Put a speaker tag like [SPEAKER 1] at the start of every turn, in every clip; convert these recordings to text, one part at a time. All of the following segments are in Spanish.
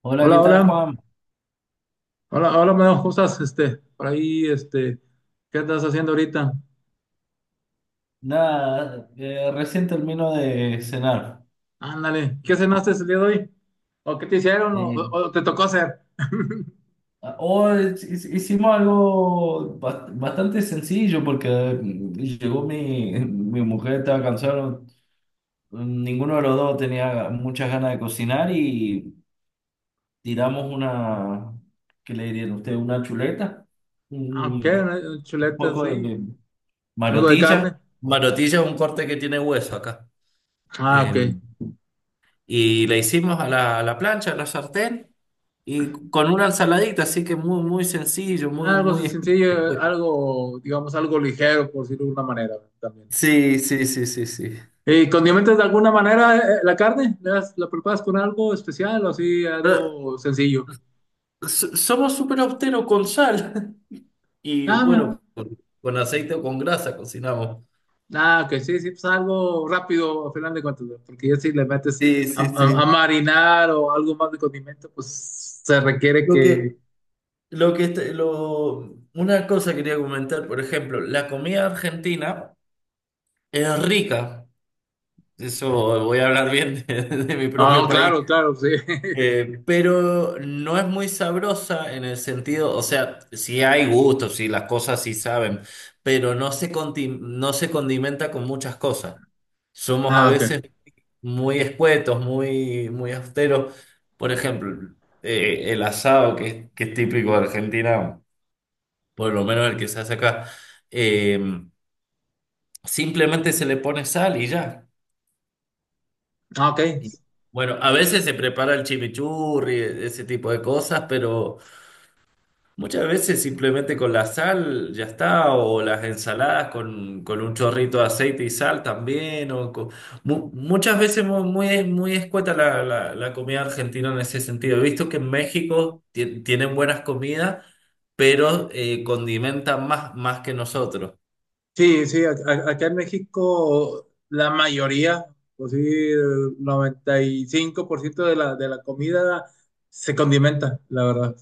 [SPEAKER 1] Hola, ¿qué
[SPEAKER 2] Hola,
[SPEAKER 1] tal,
[SPEAKER 2] hola,
[SPEAKER 1] Juan?
[SPEAKER 2] hola, hola, Meo, ¿cómo estás? Este, por ahí, este, ¿qué andas haciendo ahorita?
[SPEAKER 1] Nada, recién termino de cenar.
[SPEAKER 2] Ándale, ¿qué cenaste el día de hoy? ¿O qué te hicieron? ¿O,
[SPEAKER 1] Eh,
[SPEAKER 2] o te tocó hacer?
[SPEAKER 1] hoy hicimos algo bastante sencillo porque llegó mi, mi mujer, estaba cansada, ninguno de los dos tenía muchas ganas de cocinar y tiramos una, ¿qué le dirían ustedes? Una chuleta,
[SPEAKER 2] Ah, ok,
[SPEAKER 1] un
[SPEAKER 2] ¿no?, chuletas,
[SPEAKER 1] poco
[SPEAKER 2] sí.
[SPEAKER 1] de
[SPEAKER 2] ¿Algo de
[SPEAKER 1] marotilla.
[SPEAKER 2] carne?
[SPEAKER 1] Marotilla es un corte que tiene hueso acá.
[SPEAKER 2] Ah, ok.
[SPEAKER 1] Em, y la hicimos a la plancha, a la sartén. Y con una ensaladita, así que muy, muy sencillo, muy,
[SPEAKER 2] Algo
[SPEAKER 1] muy.
[SPEAKER 2] sencillo, algo, digamos, algo ligero, por decirlo de alguna manera, también.
[SPEAKER 1] Sí, sí, sí, sí, sí.
[SPEAKER 2] ¿Y condimentas de alguna manera la carne? ¿La preparas con algo especial o así,
[SPEAKER 1] Pero
[SPEAKER 2] algo sencillo?
[SPEAKER 1] somos súper austeros con sal y
[SPEAKER 2] Ah, mira.
[SPEAKER 1] bueno, con aceite o con grasa cocinamos.
[SPEAKER 2] Ah, que sí, sí, pues algo rápido, al final de cuentas, ¿no? Porque ya si le metes
[SPEAKER 1] Sí,
[SPEAKER 2] a,
[SPEAKER 1] sí,
[SPEAKER 2] a- a
[SPEAKER 1] sí.
[SPEAKER 2] marinar o algo más de condimento, pues se requiere
[SPEAKER 1] Lo
[SPEAKER 2] que...
[SPEAKER 1] que, lo que, este- lo, una cosa quería comentar, por ejemplo, la comida argentina es rica. Eso voy a hablar bien de mi propio
[SPEAKER 2] Ah,
[SPEAKER 1] país.
[SPEAKER 2] claro, claro, sí.
[SPEAKER 1] Pero no es muy sabrosa en el sentido, o sea, sí hay gustos, sí las cosas sí saben, pero no se condimenta con muchas cosas. Somos a
[SPEAKER 2] Ah, ok.
[SPEAKER 1] veces muy escuetos, muy, muy austeros. Por ejemplo, el asado, que es típico de Argentina, por lo menos el que se hace acá, eh, simplemente se le pone sal y ya.
[SPEAKER 2] Ah, ok.
[SPEAKER 1] Y, Bueno, a veces se prepara el chimichurri, ese tipo de cosas, pero... Muchas veces simplemente con la sal ya está, o las ensaladas con un chorrito de aceite y sal también, muchas veces muy, muy, escueta la comida argentina en ese sentido. He visto que en México tienen buenas comidas, pero condimentan más que nosotros.
[SPEAKER 2] Sí, sí, acá en México la mayoría, pues sí, el 95% de la comida se condimenta, la verdad.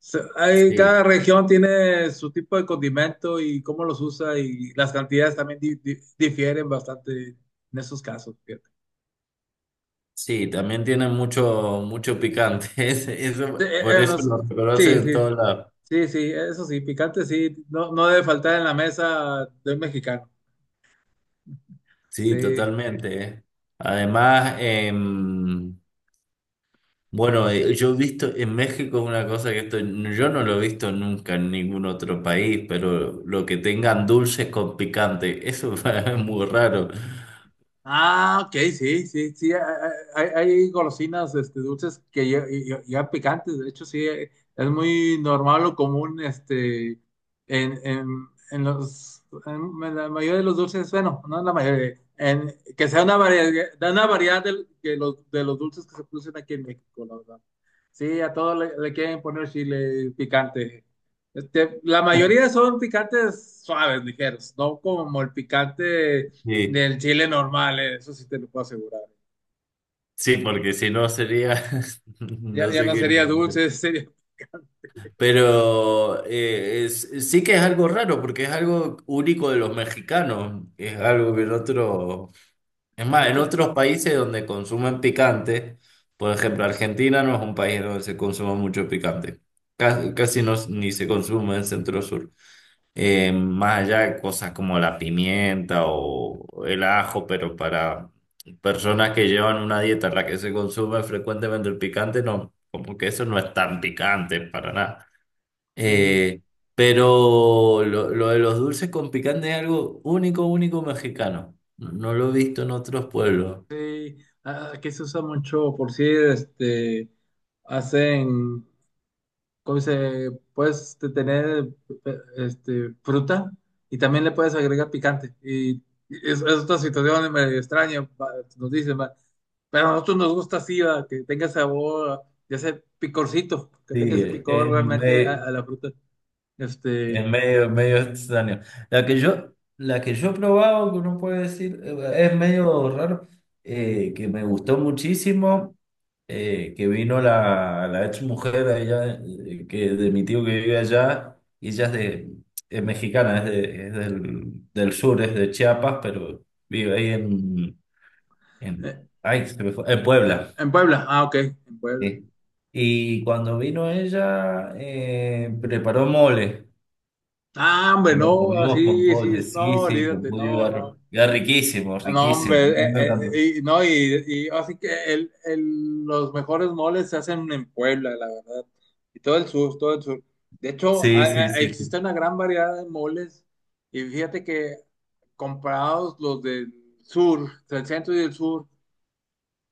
[SPEAKER 1] Sí,
[SPEAKER 2] Cada región tiene su tipo de condimento y cómo los usa, y las cantidades también difieren bastante en esos casos, fíjate.
[SPEAKER 1] sí, también tienen mucho, mucho picante,
[SPEAKER 2] Sí,
[SPEAKER 1] eso, por eso lo reconocen
[SPEAKER 2] sí,
[SPEAKER 1] en
[SPEAKER 2] sí, sí,
[SPEAKER 1] todos lados.
[SPEAKER 2] sí, sí, eso sí, picante sí, no, no debe faltar en la mesa de un mexicano.
[SPEAKER 1] Sí,
[SPEAKER 2] Sí.
[SPEAKER 1] totalmente. Además, bueno, yo he visto en México una cosa que esto, yo no lo he visto nunca en ningún otro país, pero lo que tengan dulces con picante, eso es muy raro.
[SPEAKER 2] Ah, ok, sí, sí, sí, hay golosinas, este, dulces que ya picantes, de hecho sí, es muy normal o común, este, en los, en, la mayoría de los dulces, bueno, no en la mayoría, en, que sea una variedad, da una variedad que los, de los dulces que se producen aquí en México, la verdad. Sí, a todos le quieren poner chile picante. Este, la mayoría son picantes suaves, ligeros, no como el picante
[SPEAKER 1] Sí,
[SPEAKER 2] del chile normal, eso sí te lo puedo asegurar.
[SPEAKER 1] sí, porque si no sería,
[SPEAKER 2] Ya,
[SPEAKER 1] no
[SPEAKER 2] ya
[SPEAKER 1] sé
[SPEAKER 2] no
[SPEAKER 1] qué.
[SPEAKER 2] sería dulce, sería...
[SPEAKER 1] Pero sí que es algo raro, porque es algo único de los mexicanos. Es
[SPEAKER 2] En
[SPEAKER 1] más, en
[SPEAKER 2] otro,
[SPEAKER 1] otros países donde consumen picante, por ejemplo, Argentina no es un país donde se consuma mucho picante. Casi, casi no, ni se consume en Centro Sur. Más allá de cosas como la pimienta o el ajo, pero para personas que llevan una dieta en la que se consume frecuentemente el picante, no, como que eso no es tan picante para nada.
[SPEAKER 2] sí,
[SPEAKER 1] Eh, pero lo de los dulces con picante es algo único, único mexicano. No no lo he visto en otros pueblos.
[SPEAKER 2] sí. Ah, aquí se usa mucho, por si este, hacen, ¿cómo se? Puedes tener este, fruta, y también le puedes agregar picante. Y es otra situación medio extraña, va, nos dicen, va. Pero a nosotros nos gusta así, va, que tenga sabor, ya ese picorcito, que tenga ese
[SPEAKER 1] Sí,
[SPEAKER 2] picor
[SPEAKER 1] es
[SPEAKER 2] realmente a,
[SPEAKER 1] medio,
[SPEAKER 2] a la fruta. Este,
[SPEAKER 1] medio extraño. La que yo he probado, que uno puede decir, es medio raro, que me gustó muchísimo, que vino la ex mujer de allá, que, de mi tío que vive allá, y ella es, de, es mexicana, es, es del sur, es de Chiapas, pero vive ahí en,
[SPEAKER 2] eh,
[SPEAKER 1] ay, se me fue, en Puebla.
[SPEAKER 2] En Puebla, ah, ok, en Puebla.
[SPEAKER 1] Sí. Y cuando vino ella, preparó mole.
[SPEAKER 2] Ah, hombre,
[SPEAKER 1] Y lo
[SPEAKER 2] no,
[SPEAKER 1] comimos con
[SPEAKER 2] así, sí,
[SPEAKER 1] pollo, sí,
[SPEAKER 2] no,
[SPEAKER 1] sí, con
[SPEAKER 2] olvídate,
[SPEAKER 1] pollo
[SPEAKER 2] no,
[SPEAKER 1] era,
[SPEAKER 2] no.
[SPEAKER 1] era riquísimo,
[SPEAKER 2] No,
[SPEAKER 1] riquísimo. A
[SPEAKER 2] hombre,
[SPEAKER 1] mí me encantó.
[SPEAKER 2] y, no, y así que el, los mejores moles se hacen en Puebla, la verdad. Y todo el sur, todo el sur. De hecho,
[SPEAKER 1] Sí, sí, sí. Sí.
[SPEAKER 2] existe una gran variedad de moles, y fíjate que comparados los del sur, del centro y del sur,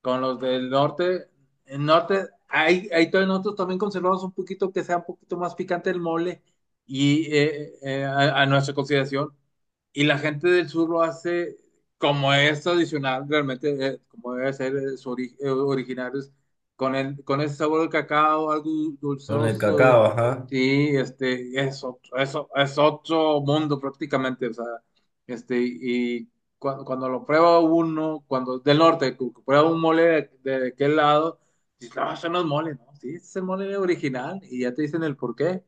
[SPEAKER 2] con los del norte, el norte, hay todavía nosotros también conservamos un poquito que sea un poquito más picante el mole y a nuestra consideración, y la gente del sur lo hace como es tradicional, realmente, como debe ser, su originarios, con, el, con ese sabor de cacao, algo dul-
[SPEAKER 1] Con el
[SPEAKER 2] dulceoso, y,
[SPEAKER 1] cacao, ajá.
[SPEAKER 2] este, es otro, eso es otro mundo prácticamente, o sea, este, y cuando lo prueba uno, cuando del norte, prueba un mole de aquel lado, dices, no, eso no es mole, ¿no? Sí, ese es el mole original, y ya te dicen el por qué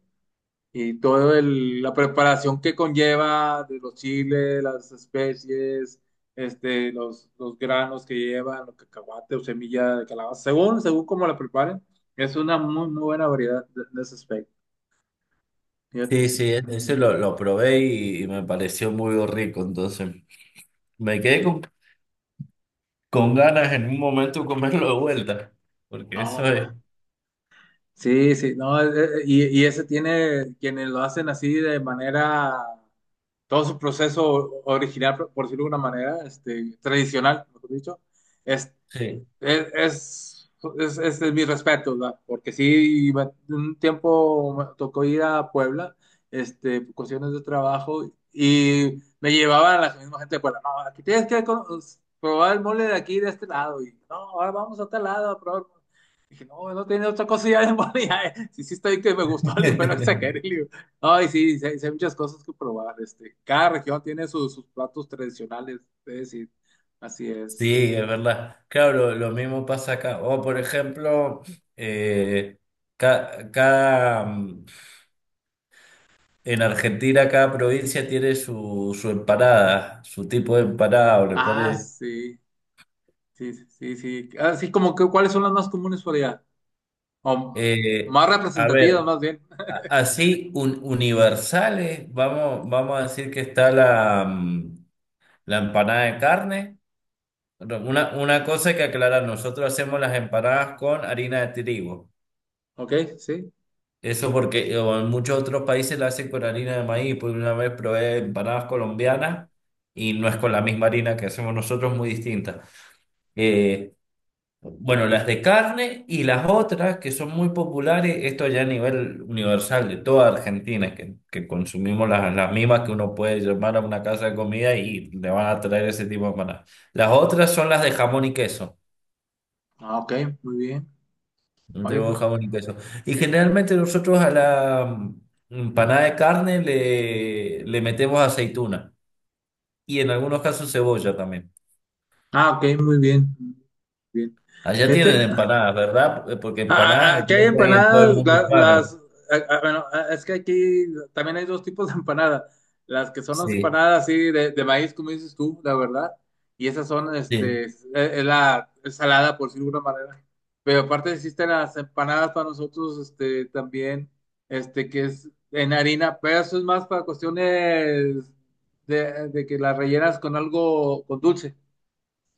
[SPEAKER 2] y toda la preparación que conlleva de los chiles, las especies, este, los granos que llevan, los cacahuate o semilla de calabaza, según, según cómo la preparen, es una muy, muy buena variedad de ese aspecto. Fíjate.
[SPEAKER 1] Sí, sí, ese lo probé y me pareció muy rico. Entonces, me quedé con, ganas en un momento comerlo de vuelta. Porque eso
[SPEAKER 2] No,
[SPEAKER 1] es.
[SPEAKER 2] sí, sí, no, y ese tiene quienes lo hacen así de manera, todo su proceso original, por decirlo de una manera, este, tradicional, mejor dicho.
[SPEAKER 1] Sí.
[SPEAKER 2] Es, es, es mi respeto, ¿verdad? Porque sí, un tiempo me tocó ir a Puebla, este, por cuestiones de trabajo, y me llevaban a la misma gente de Puebla. No, aquí tienes que probar el mole de aquí, de este lado. Y no, ahora vamos a tal lado a probar. Dije, no, no tiene otra cosa ya de mole. Ya, eh. Sí, sí, estoy que me gustó, le digo, pero exageré, le digo. Ay, sí, sí, hay, sí hay muchas cosas que probar. Este, cada región tiene sus platos tradicionales, es decir, así es.
[SPEAKER 1] Sí, es verdad. Claro, lo mismo pasa acá. O, por ejemplo, eh, ca- cada, En Argentina cada provincia tiene su empanada, su tipo de empanada, o le
[SPEAKER 2] Ah,
[SPEAKER 1] pone.
[SPEAKER 2] sí. Sí, sí, sí. Así como que, ¿cuáles son las más comunes por allá? O
[SPEAKER 1] eh,
[SPEAKER 2] más
[SPEAKER 1] a
[SPEAKER 2] representativas,
[SPEAKER 1] ver,
[SPEAKER 2] más bien.
[SPEAKER 1] así universales, vamos a decir que está la, la empanada de carne. Bueno, una cosa que aclarar, nosotros hacemos las empanadas con harina de trigo.
[SPEAKER 2] Ok, sí.
[SPEAKER 1] Eso porque en muchos otros países la hacen con harina de maíz, porque una vez probé empanadas colombianas y no es con la misma harina que hacemos nosotros, muy distinta. Eh, Bueno, las de carne y las otras que son muy populares, esto ya a nivel universal de toda Argentina, que consumimos las mismas que uno puede llamar a una casa de comida y le van a traer ese tipo de empanadas. Las otras son las de jamón y queso,
[SPEAKER 2] Ah, ok, muy bien. Oye,
[SPEAKER 1] de
[SPEAKER 2] pues.
[SPEAKER 1] jamón y queso. Y generalmente nosotros a la empanada de carne le metemos aceituna y en algunos casos cebolla también.
[SPEAKER 2] Ah, ok, muy bien. Bien.
[SPEAKER 1] Allá tienen
[SPEAKER 2] Fíjate. Ah,
[SPEAKER 1] empanadas, ¿verdad? Porque
[SPEAKER 2] ah, ah,
[SPEAKER 1] empanadas
[SPEAKER 2] aquí hay
[SPEAKER 1] creo que hay en todo el
[SPEAKER 2] empanadas,
[SPEAKER 1] mundo hispano.
[SPEAKER 2] ah, ah, bueno, ah, es que aquí también hay dos tipos de empanadas. Las que son las
[SPEAKER 1] Sí.
[SPEAKER 2] empanadas así de maíz, como dices tú, la verdad. Y esas son,
[SPEAKER 1] Sí.
[SPEAKER 2] este, es la es salada, por decirlo de alguna manera. Pero aparte existen las empanadas para nosotros, este, también, este, que es en harina, pero eso es más para cuestiones de que las rellenas con algo, con dulce,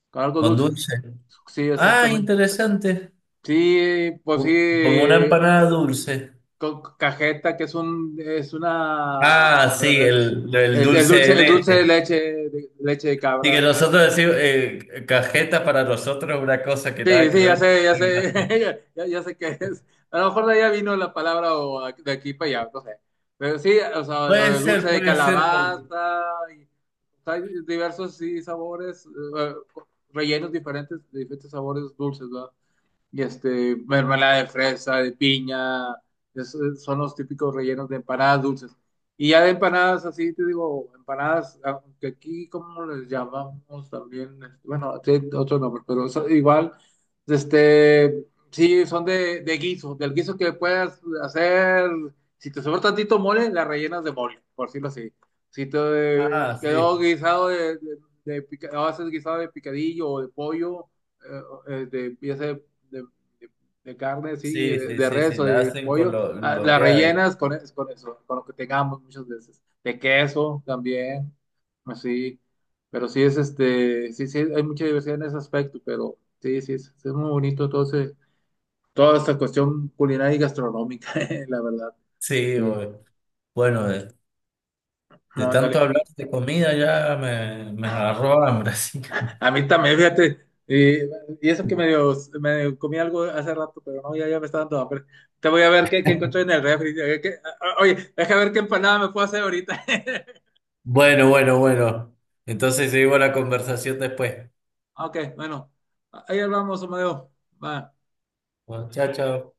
[SPEAKER 2] con algo
[SPEAKER 1] Con
[SPEAKER 2] dulce.
[SPEAKER 1] dulce.
[SPEAKER 2] Sí,
[SPEAKER 1] Ah,
[SPEAKER 2] exactamente.
[SPEAKER 1] interesante.
[SPEAKER 2] Sí, pues sí,
[SPEAKER 1] Como una empanada dulce.
[SPEAKER 2] con cajeta, que es un, es una,
[SPEAKER 1] Ah, sí,
[SPEAKER 2] es-
[SPEAKER 1] el
[SPEAKER 2] el
[SPEAKER 1] dulce de
[SPEAKER 2] dulce, el dulce de
[SPEAKER 1] leche.
[SPEAKER 2] leche, leche de
[SPEAKER 1] Y que
[SPEAKER 2] cabra.
[SPEAKER 1] nosotros decimos, cajeta para nosotros es una cosa que nada
[SPEAKER 2] Sí,
[SPEAKER 1] que
[SPEAKER 2] sí,
[SPEAKER 1] ver.
[SPEAKER 2] ya sé, ya, ya sé qué es. A lo mejor de allá vino la palabra o de aquí para allá, no sé. Pero sí, o sea, o el dulce de
[SPEAKER 1] Puede ser, porque...
[SPEAKER 2] calabaza, y, o sea, hay diversos, sí, sabores, eh, rellenos diferentes, de diferentes sabores dulces, ¿verdad? Y este, mermelada de fresa, de piña, son los típicos rellenos de empanadas dulces. Y ya de empanadas así, te digo, empanadas, aunque aquí como les llamamos también, este, bueno, tiene otro nombre, pero eso igual, este, sí, son de guiso, del guiso que puedas hacer, si te sobra tantito mole, la rellenas de mole, por decirlo así. Si te
[SPEAKER 1] Ah,
[SPEAKER 2] quedó
[SPEAKER 1] sí,
[SPEAKER 2] guisado haces guisado de picadillo o de pollo, eh, de pieza de, de carne, sí,
[SPEAKER 1] sí, sí, sí,
[SPEAKER 2] res
[SPEAKER 1] sí,
[SPEAKER 2] o
[SPEAKER 1] la
[SPEAKER 2] de
[SPEAKER 1] hacen con
[SPEAKER 2] pollo,
[SPEAKER 1] lo,
[SPEAKER 2] ah,
[SPEAKER 1] lo
[SPEAKER 2] la
[SPEAKER 1] que hay.
[SPEAKER 2] rellenas con, con eso, con lo que tengamos muchas veces. De queso también, así. Pero sí es, este, sí, sí, hay mucha diversidad en ese aspecto, pero sí, sí es muy bonito todo toda esta cuestión culinaria y gastronómica, la verdad.
[SPEAKER 1] Sí,
[SPEAKER 2] Sí.
[SPEAKER 1] bueno, de
[SPEAKER 2] No,
[SPEAKER 1] tanto
[SPEAKER 2] ándale.
[SPEAKER 1] hablar de comida ya me agarró hambre,
[SPEAKER 2] A mí también, fíjate. Y, y eso que medio comí algo hace rato, pero no, ya, ya me está dando hambre. Te voy a ver qué encontré en el refri. Oye, deja ver qué empanada me puedo hacer ahorita.
[SPEAKER 1] Bueno, bueno, bueno. Entonces seguimos la conversación después.
[SPEAKER 2] Ok, bueno. Ahí hablamos, Amadeo. Va.
[SPEAKER 1] Bueno, chao, chao.